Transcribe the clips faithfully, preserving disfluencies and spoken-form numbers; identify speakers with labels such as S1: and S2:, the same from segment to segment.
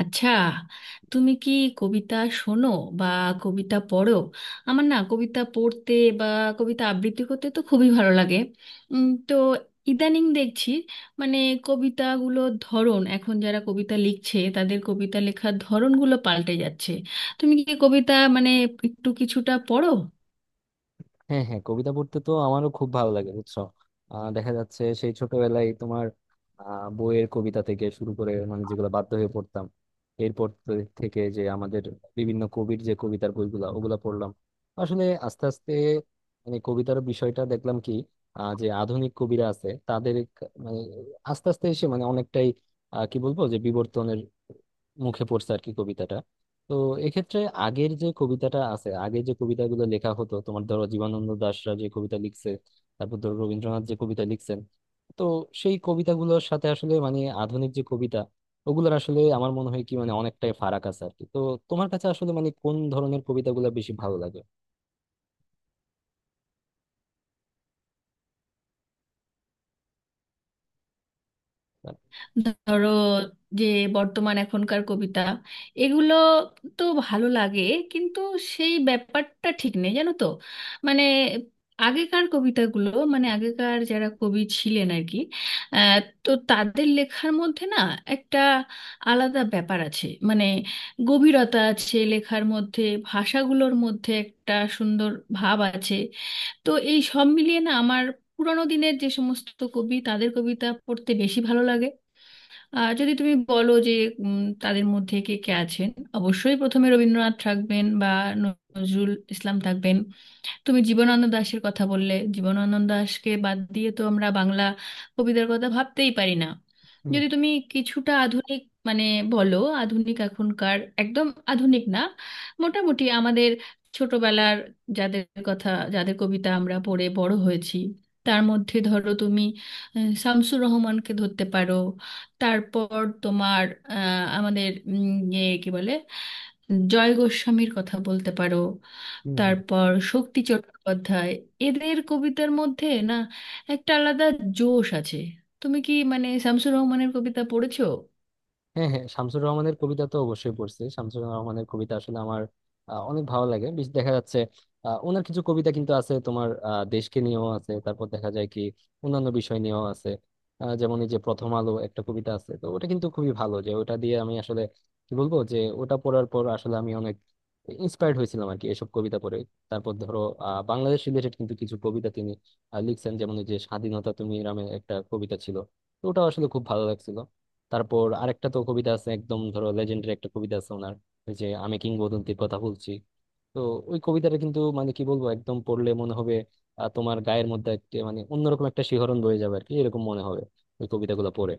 S1: আচ্ছা, তুমি কি কবিতা শোনো বা কবিতা পড়ো? আমার না কবিতা পড়তে বা কবিতা আবৃত্তি করতে তো খুবই ভালো লাগে। উম, তো ইদানিং দেখছি, মানে, কবিতাগুলোর ধরন, এখন যারা কবিতা লিখছে তাদের কবিতা লেখার ধরনগুলো পাল্টে যাচ্ছে। তুমি কি কবিতা, মানে, একটু কিছুটা পড়ো?
S2: হ্যাঁ হ্যাঁ, কবিতা পড়তে তো আমারও খুব ভালো লাগে বুঝছো। আহ, দেখা যাচ্ছে সেই ছোটবেলায় তোমার আহ, বইয়ের কবিতা থেকে শুরু করে মানে যেগুলো বাধ্য হয়ে পড়তাম এরপর তো থেকে যে আমাদের বিভিন্ন কবির যে কবিতার বইগুলা ওগুলা পড়লাম আসলে আস্তে আস্তে মানে কবিতার বিষয়টা দেখলাম কি আহ, যে আধুনিক কবিরা আছে তাদের ক- মানে আস্তে আস্তে এসে মানে অনেকটাই আহ, কি বলবো যে বিবর্তনের মুখে পড়ছে আর কি কবিতাটা। তো এক্ষেত্রে আগের যে কবিতাটা আছে আগের যে কবিতাগুলো লেখা হতো তোমার ধরো জীবনানন্দ দাশরা যে কবিতা লিখছে, তারপর ধরো রবীন্দ্রনাথ যে কবিতা লিখছেন, তো সেই কবিতাগুলোর সাথে আসলে মানে আধুনিক যে কবিতা ওগুলোর আসলে আমার মনে হয় কি মানে অনেকটাই ফারাক আছে আর কি। তো তোমার কাছে আসলে মানে কোন ধরনের কবিতাগুলো বেশি ভালো লাগে?
S1: ধরো যে বর্তমান এখনকার কবিতা এগুলো তো ভালো লাগে, কিন্তু সেই ব্যাপারটা ঠিক নেই, জানো তো। মানে, আগেকার কবিতাগুলো, মানে আগেকার যারা কবি ছিলেন আর কি, আহ, তো তাদের লেখার মধ্যে না একটা আলাদা ব্যাপার আছে, মানে গভীরতা আছে লেখার মধ্যে। ভাষাগুলোর মধ্যে একটা সুন্দর ভাব আছে। তো এই সব মিলিয়ে না আমার পুরোনো দিনের যে সমস্ত কবি, তাদের কবিতা পড়তে বেশি ভালো লাগে। আর যদি তুমি বলো যে উম, তাদের মধ্যে কে কে আছেন, অবশ্যই প্রথমে রবীন্দ্রনাথ থাকবেন বা নজরুল ইসলাম থাকবেন। তুমি জীবনানন্দ দাশের কথা বললে, জীবনানন্দ দাশকে বাদ দিয়ে তো আমরা বাংলা কবিদের কথা ভাবতেই পারি না।
S2: হুম
S1: যদি তুমি কিছুটা আধুনিক, মানে বলো, আধুনিক এখনকার একদম আধুনিক না, মোটামুটি আমাদের ছোটবেলার, যাদের কথা, যাদের কবিতা আমরা পড়ে বড় হয়েছি, তার মধ্যে ধরো তুমি আহ, শামসুর রহমানকে ধরতে পারো। তারপর তোমার আহ, আমাদের উম, ইয়ে কি বলে, জয় গোস্বামীর কথা বলতে পারো।
S2: হুম হুম।
S1: তারপর শক্তি চট্টোপাধ্যায়। এদের কবিতার মধ্যে না একটা আলাদা জোশ আছে। তুমি কি, মানে, শামসুর রহমানের কবিতা পড়েছো?
S2: হ্যাঁ হ্যাঁ, শামসুর রহমানের কবিতা তো অবশ্যই পড়ছি। শামসুর রহমানের কবিতা আসলে আমার আহ, অনেক ভালো লাগে। বেশ- দেখা যাচ্ছে আহ, ওনার কিছু কবিতা কিন্তু আছে তোমার আহ, দেশকে নিয়েও আছে, তারপর দেখা যায় কি অন্যান্য বিষয় নিয়েও আছে। আহ, যেমন এই যে প্রথম আলো একটা কবিতা আছে, তো ওটা কিন্তু খুবই ভালো। যে ওটা দিয়ে আমি আসলে কি বলবো যে ওটা পড়ার পর আসলে আমি অনেক ইন্সপায়ার্ড হয়েছিলাম আর কি এসব কবিতা পড়ে। তারপর ধরো আহ বাংলাদেশ রিলেটেড কিন্তু কিছু কবিতা তিনি আহ, লিখছেন, যেমন এই যে স্বাধীনতা তুমি নামে একটা কবিতা ছিল, তো ওটা আসলে খুব ভালো লাগছিল। তারপর আরেকটা তো কবিতা আছে একদম ধরো লেজেন্ডের একটা কবিতা আছে ওনার, ওই যে আমি কিংবদন্তির কথা বলছি। তো ওই কবিতাটা কিন্তু মানে কি বলবো একদম পড়লে মনে হবে আহ, তোমার গায়ের মধ্যে একটা মানে অন্যরকম একটা শিহরণ বয়ে যাবে আর কি, এরকম মনে হবে ওই কবিতাগুলো পড়ে।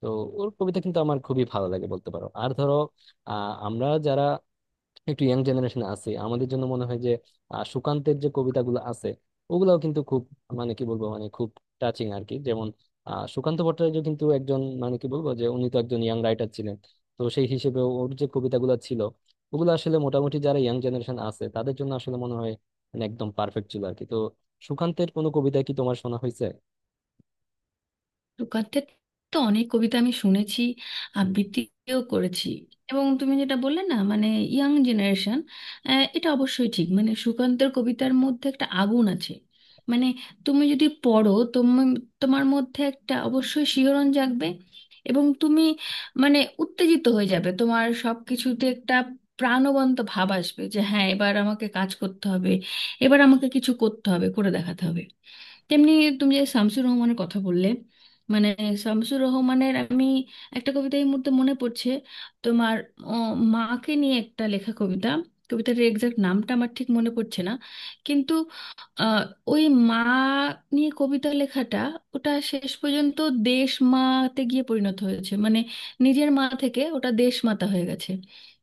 S2: তো ওর কবিতা কিন্তু আমার খুবই ভালো লাগে বলতে পারো। আর ধরো আহ আমরা যারা একটু ইয়াং জেনারেশনে আছি আমাদের জন্য মনে হয় যে আহ, সুকান্তের যে কবিতাগুলো আছে ওগুলাও কিন্তু খুব মানে কি বলবো মানে খুব টাচিং আর কি। যেমন আহ, সুকান্ত ভট্টাচার্য কিন্তু একজন মানে কি বলবো যে উনি তো একজন ইয়াং রাইটার ছিলেন, তো সেই হিসেবে ওর যে কবিতাগুলো ছিল ওগুলো আসলে মোটামুটি যারা ইয়াং জেনারেশন আছে তাদের জন্য আসলে মনে হয় মানে একদম পারফেক্ট ছিল আর কি। তো সুকান্তের কোনো কবিতা কি তোমার শোনা হয়েছে?
S1: তুকারদের তো অনেক কবিতা আমি শুনেছি, আবৃত্তিও করেছি। এবং তুমি যেটা বললে না, মানে, ইয়াং জেনারেশন, এটা অবশ্যই ঠিক। মানে সুকান্তের কবিতার মধ্যে একটা আগুন আছে। মানে তুমি যদি পড়ো, তুমি, তোমার মধ্যে একটা অবশ্যই শিহরণ জাগবে। এবং তুমি, মানে, উত্তেজিত হয়ে যাবে, তোমার সব কিছুতে একটা প্রাণবন্ত ভাব আসবে যে, হ্যাঁ, এবার আমাকে কাজ করতে হবে, এবার আমাকে কিছু করতে হবে, করে দেখাতে হবে। তেমনি তুমি যে শামসুর রহমানের কথা বললে, মানে, শামসুর রহমানের আমি একটা কবিতা এই মুহূর্তে মনে পড়ছে। তোমার ও, মাকে নিয়ে একটা লেখা কবিতা। কবিতার এক্সাক্ট নামটা আমার ঠিক মনে পড়ছে না, কিন্তু আহ, ওই মা নিয়ে কবিতা লেখাটা, ওটা শেষ পর্যন্ত দেশ মাতে গিয়ে পরিণত হয়েছে। মানে নিজের মা থেকে ওটা দেশ মাতা হয়ে গেছে।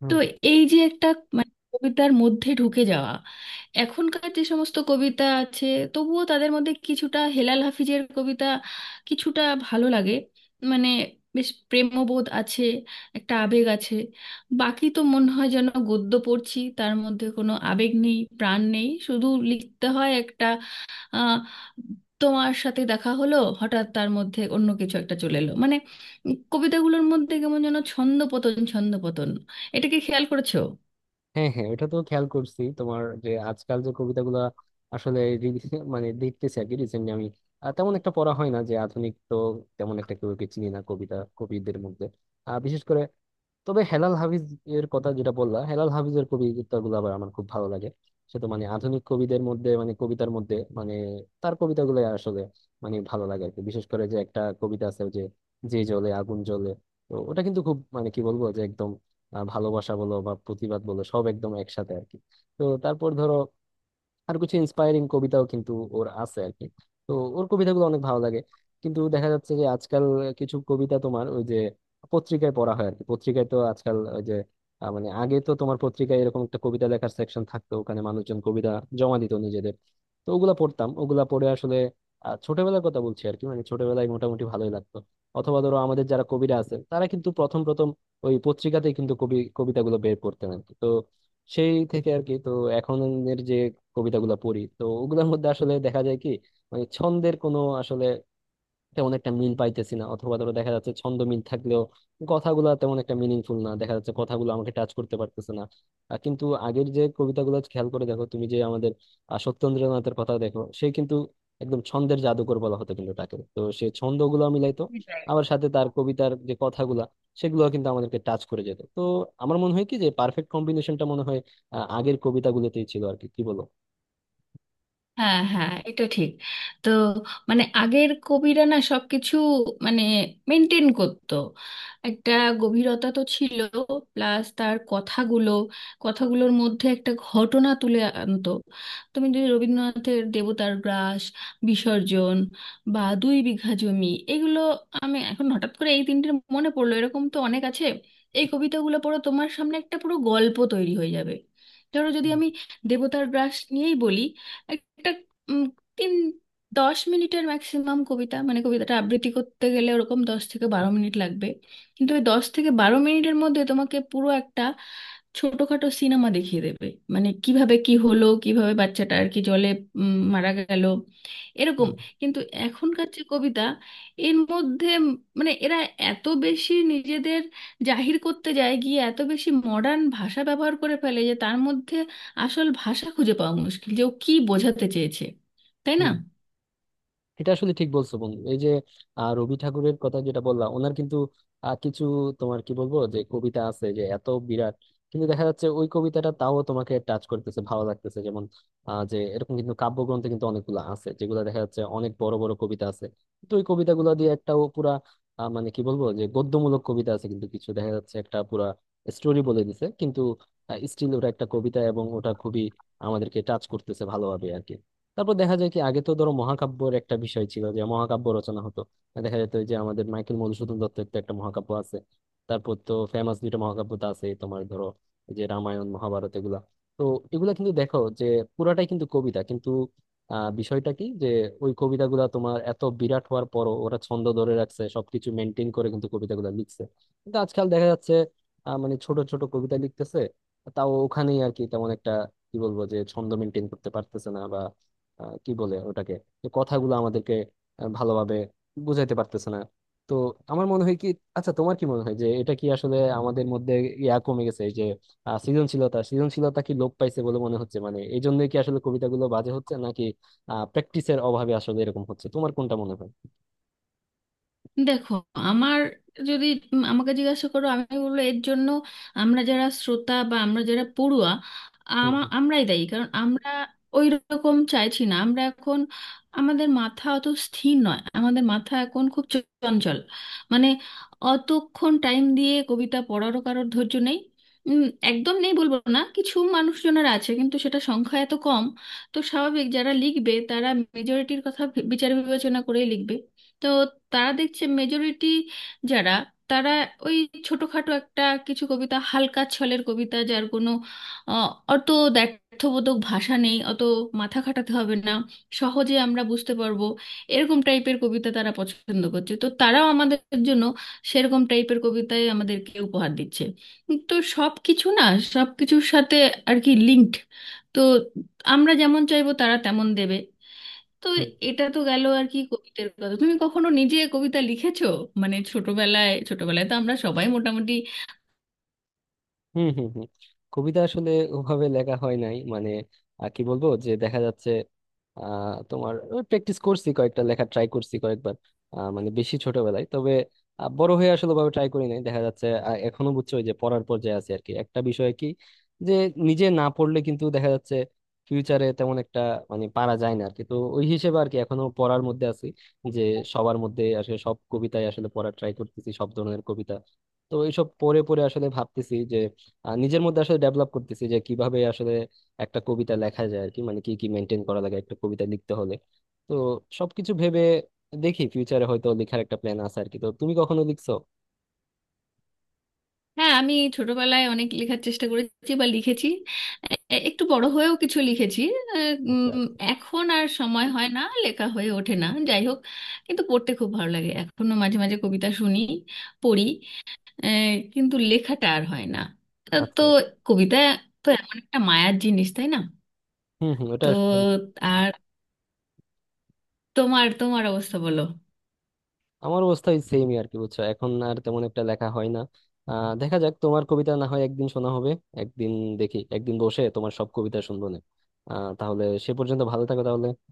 S1: তো এই যে একটা, মানে, কবিতার মধ্যে ঢুকে যাওয়া। এখনকার যে সমস্ত কবিতা আছে, তবুও তাদের মধ্যে কিছুটা হেলাল হাফিজের কবিতা কিছুটা ভালো লাগে। মানে বেশ প্রেমবোধ আছে, একটা আবেগ আছে। বাকি তো মনে হয় যেন গদ্য পড়ছি, তার মধ্যে কোনো আবেগ নেই, প্রাণ নেই, শুধু লিখতে হয় একটা আহ, তোমার সাথে দেখা হলো হঠাৎ, তার মধ্যে অন্য কিছু একটা চলে এলো। মানে উম, কবিতাগুলোর মধ্যে কেমন যেন ছন্দপতন ছন্দপতন, এটাকে খেয়াল করেছো?
S2: হ্যাঁ হ্যাঁ, ওটা তো খেয়াল করছি তোমার যে আজকাল যে কবিতাগুলা আসলে re- মানে দেখতেছি আর কি রিসেন্টলি আমি আহ, তেমন একটা পড়া হয় না যে আধুনিক। তো তেমন একটা কেউ কে চিনি না কবিতা কবিদের মধ্যে আহ, বিশেষ করে। তবে হেলাল হাফিজ এর কথা যেটা বললাম হেলাল হাফিজের কবিতাগুলো আবার আমার খুব ভালো লাগে। সে তো মানে আধুনিক কবিদের মধ্যে মানে কবিতার মধ্যে মানে তার কবিতাগুলো আসলে মানে ভালো লাগে আর কি। বিশেষ করে যে একটা কবিতা আছে ওই যে, যে জ্বলে আগুন জ্বলে, তো ওটা কিন্তু খুব মানে কি বলবো যে একদম আহ, ভালোবাসা বলো বা প্রতিবাদ বলো সব একদম একসাথে আর কি। তো তারপর ধরো আর কিছু ইন্সপায়ারিং কবিতাও কিন্তু ওর আছে আর কি। তো ওর কবিতাগুলো অনেক ভালো লাগে। কিন্তু দেখা যাচ্ছে যে আজকাল কিছু কবিতা তোমার ওই যে পত্রিকায় পড়া হয় আর কি। পত্রিকায় তো আজকাল ওই যে আহ, মানে আগে তো তোমার পত্রিকায় এরকম একটা কবিতা লেখার সেকশন থাকতো, ওখানে মানুষজন কবিতা জমা দিত নিজেদের, তো ওগুলা পড়তাম। ওগুলা পড়ে আসলে আহ, ছোটবেলার কথা বলছি আর কি, মানে ছোটবেলায় মোটামুটি ভালোই লাগতো। অথবা ধরো আমাদের যারা কবিরা আছে তারা কিন্তু প্রথম প্রথম ওই পত্রিকাতেই কিন্তু কবি কবিতাগুলো বের করতেন আর কি। তো সেই থেকে আর কি। তো এখনের যে কবিতাগুলো পড়ি তো ওগুলোর মধ্যে আসলে দেখা যায় কি মানে ছন্দের কোনো আসলে তেমন একটা মিল পাইতেছি না, অথবা ধরো দেখা যাচ্ছে ছন্দ মিল থাকলেও কথাগুলো তেমন একটা মিনিংফুল না, দেখা যাচ্ছে কথাগুলো আমাকে টাচ করতে পারতেছে না। আহ, কিন্তু আগের যে কবিতাগুলো খেয়াল করে দেখো তুমি যে আমাদের আহ, সত্যেন্দ্রনাথের কথা দেখো সে কিন্তু একদম ছন্দের জাদুকর বলা হতো কিন্তু তাকে। তো সে ছন্দগুলো মিলাইতো, আবার সাথে তার কবিতার যে কথাগুলা সেগুলো কিন্তু আমাদেরকে টাচ করে যেত। তো আমার মনে হয় কি যে পারফেক্ট কম্বিনেশনটা মনে হয় আহ, আগের কবিতাগুলোতেই ছিল আর কি, কি বলো?
S1: হ্যাঁ, হ্যাঁ, এটা ঠিক। তো, মানে, আগের কবিরা না সবকিছু, মানে, মেনটেন করতো। একটা গভীরতা তো ছিল, প্লাস তার কথাগুলো, কথাগুলোর মধ্যে একটা ঘটনা তুলে আনতো। তুমি যদি রবীন্দ্রনাথের দেবতার গ্রাস, বিসর্জন, বা দুই বিঘা জমি, এগুলো আমি এখন হঠাৎ করে এই তিনটির মনে পড়লো, এরকম তো অনেক আছে। এই কবিতাগুলো পড়ো, তোমার সামনে একটা পুরো গল্প তৈরি হয়ে যাবে। ধরো যদি আমি দেবতার গ্রাস নিয়েই বলি, একটা উম, তিন দশ মিনিটের ম্যাক্সিমাম কবিতা, মানে কবিতাটা আবৃত্তি করতে গেলে ওরকম দশ থেকে বারো মিনিট লাগবে। কিন্তু ওই দশ থেকে বারো মিনিটের মধ্যে তোমাকে পুরো একটা ছোটখাটো সিনেমা দেখিয়ে দেবে। মানে কিভাবে কি হলো, কিভাবে বাচ্চাটা আর কি জলে উম, মারা গেল, এরকম।
S2: হুম,
S1: কিন্তু এখনকার যে কবিতা, এর মধ্যে উম মানে এরা এত বেশি নিজেদের জাহির করতে যায়, গিয়ে এত বেশি মডার্ন ভাষা ব্যবহার করে ফেলে যে তার মধ্যে আসল ভাষা খুঁজে পাওয়া মুশকিল, যে ও কি বোঝাতে চেয়েছে। তাই না?
S2: হুম। এটা আসলে ঠিক বলছো বন্ধু। এই যে আহ, রবি ঠাকুরের কথা যেটা বললাম ওনার কিন্তু আহ, কিছু তোমার কি বলবো যে কবিতা আছে যে এত বিরাট, কিন্তু দেখা যাচ্ছে ওই কবিতাটা তাও তোমাকে টাচ করতেছে ভালো লাগতেছে। যেমন আহ, যে এরকম কিন্তু কাব্যগ্রন্থে কিন্তু অনেকগুলো আছে যেগুলো দেখা যাচ্ছে অনেক বড় বড় কবিতা আছে। তো ওই কবিতাগুলো দিয়ে একটা ও পুরা আহ, মানে কি বলবো যে গদ্যমূলক কবিতা আছে কিন্তু কিছু, দেখা যাচ্ছে একটা পুরা স্টোরি বলে দিছে কিন্তু স্টিল ওটা একটা কবিতা এবং ওটা খুবই আমাদেরকে টাচ করতেছে ভালোভাবে আর কি। তারপর দেখা যায় কি আগে তো ধরো মহাকাব্যের একটা বিষয় ছিল যে মহাকাব্য রচনা হতো। দেখা যেত যে আমাদের মাইকেল মধুসূদন দত্তের তো একটা মহাকাব্য আছে, তারপর তো ফেমাস দুইটা মহাকাব্য তো আছে তোমার ধরো এই যে রামায়ণ মহাভারত এগুলা। তো এগুলা কিন্তু দেখো যে পুরাটাই কিন্তু কবিতা কিন্তু আহ বিষয়টা কি যে ওই কবিতাগুলা তোমার এত বিরাট হওয়ার পরও ওরা ছন্দ ধরে রাখছে, সবকিছু মেনটেন করে কিন্তু কবিতাগুলা লিখছে। কিন্তু আজকাল দেখা যাচ্ছে আহ, মানে ছোট ছোট কবিতা লিখতেছে তাও ওখানেই আর কি তেমন একটা কি বলবো যে ছন্দ মেনটেন করতে পারতেছে না। আহ, কি বলে ওটাকে, যে কথাগুলো আমাদেরকে আহ, ভালোভাবে বুঝাইতে পারতেছে না। তো আমার মনে হয় কি, আচ্ছা তোমার কি মনে হয় যে এটা কি আসলে আমাদের মধ্যে ইয়া কমে গেছে? এই যে আহ, সৃজনশীলতা সৃজনশীলতা কি লোপ পাইছে বলে মনে হচ্ছে, মানে এই জন্যই কি আসলে কবিতাগুলো বাজে হচ্ছে, নাকি আহ প্র্যাকটিসের অভাবে আসলে এরকম হচ্ছে, তোমার কোনটা মনে হয়?
S1: দেখো, আমার, যদি উম আমাকে জিজ্ঞাসা করো, আমি বলবো, এর জন্য আমরা যারা শ্রোতা বা আমরা যারা পড়ুয়া,
S2: হুম,
S1: আমা-
S2: হুম,
S1: আমরাই দায়ী, কারণ আমরা ওই রকম চাইছি না। আমরা এখন, আমাদের মাথা অত স্থির নয়, আমাদের মাথা এখন খুব চঞ্চল। মানে অতক্ষণ টাইম দিয়ে কবিতা পড়ারও কারোর ধৈর্য নেই। উম, একদম নেই বলবো না, কিছু মানুষজনের আছে, কিন্তু সেটা সংখ্যা এত কম। তো স্বাভাবিক, যারা লিখবে তারা মেজরিটির কথা ভে- বিচার বিবেচনা করেই লিখবে। তো তারা দেখছে মেজরিটি যারা, তারা ওই ছোটখাটো একটা কিছু কবিতা, হালকা ছলের কবিতা, যার কোনো আহ, অত দ্ব্যর্থবোধক ভাষা নেই, অত মাথা খাটাতে হবে না, সহজে আমরা বুঝতে পারবো, এরকম টাইপের কবিতা তারা পছন্দ করছে। তো তারাও আমাদের জন্য সেরকম টাইপের কবিতাই আমাদেরকে উপহার দিচ্ছে। তো সব কিছু না, সব কিছুর সাথে আর কি লিঙ্কড। তো আমরা যেমন চাইবো, তারা তেমন দেবে। তো
S2: হুম।
S1: এটা তো গেল আর কি কবিতার কথা। তুমি কখনো নিজে কবিতা লিখেছো? মানে ছোটবেলায়, ছোটবেলায় তো আমরা সবাই মোটামুটি।
S2: হুম হুম হুম, কবিতা আসলে ওভাবে লেখা হয় নাই মানে আহ, কি বলবো যে দেখা যাচ্ছে আহ তোমার প্র্যাকটিস করছি, কয়েকটা লেখা ট্রাই করছি কয়েকবার আহ, মানে বেশি ছোটবেলায়। তবে আহ, বড় হয়ে আসলে ভাবে ট্রাই করি নাই। দেখা যাচ্ছে আহ, এখনো বুঝছো ওই যে পড়ার পর্যায়ে আছে আর কি। একটা বিষয় কি যে নিজে না পড়লে কিন্তু দেখা যাচ্ছে ফিউচারে তেমন একটা মানে পারা যায় না আর কি, তো ওই হিসেবে আর কি এখনো পড়ার মধ্যে আছি। যে সবার মধ্যে আসলে সব কবিতায় আসলে পড়ার ট্রাই করতেছি সব ধরনের কবিতা। তো এইসব পড়ে পড়ে আসলে ভাবতেছি আর নিজের মধ্যে আসলে ডেভেলপ করতেছি যে কিভাবে আসলে একটা কবিতা লেখা যায় আর কি, মানে কি কি মেনটেন করা লাগে একটা কবিতা লিখতে হলে। তো সবকিছু ভেবে দেখি ফিউচারে হয়তো লেখার একটা প্ল্যান আছে আর কি। তো তুমি কখনো লিখছো?
S1: হ্যাঁ, আমি ছোটবেলায় অনেক লেখার চেষ্টা করেছি বা লিখেছি। এ- একটু বড় হয়েও কিছু লিখেছি। আহ,
S2: আচ্ছা
S1: উম,
S2: আচ্ছা
S1: এখন আর সময় হয় না, লেখা হয়ে ওঠে না। যাই হোক, কিন্তু পড়তে খুব ভালো লাগে, এখনো মাঝে মাঝে কবিতা শুনি, পড়ি। আহ, কিন্তু লেখাটা আর হয় না। আহ, তো
S2: আচ্ছা।
S1: কবিতা তো এমন একটা মায়ার জিনিস, তাই না?
S2: হম হম, ওটা
S1: তো
S2: একদম ঠিক।
S1: আর তোমার তোমার অবস্থা বলো।
S2: আমার অবস্থা ওই সেমই আর কি বুঝছো, এখন আর তেমন একটা লেখা হয় না। আহ দেখা যাক, তোমার কবিতা না হয় একদিন শোনা হবে একদিন। দেখি একদিন বসে তোমার সব কবিতা শুনবো না। আহ তাহলে সে পর্যন্ত ভালো থাকো তাহলে।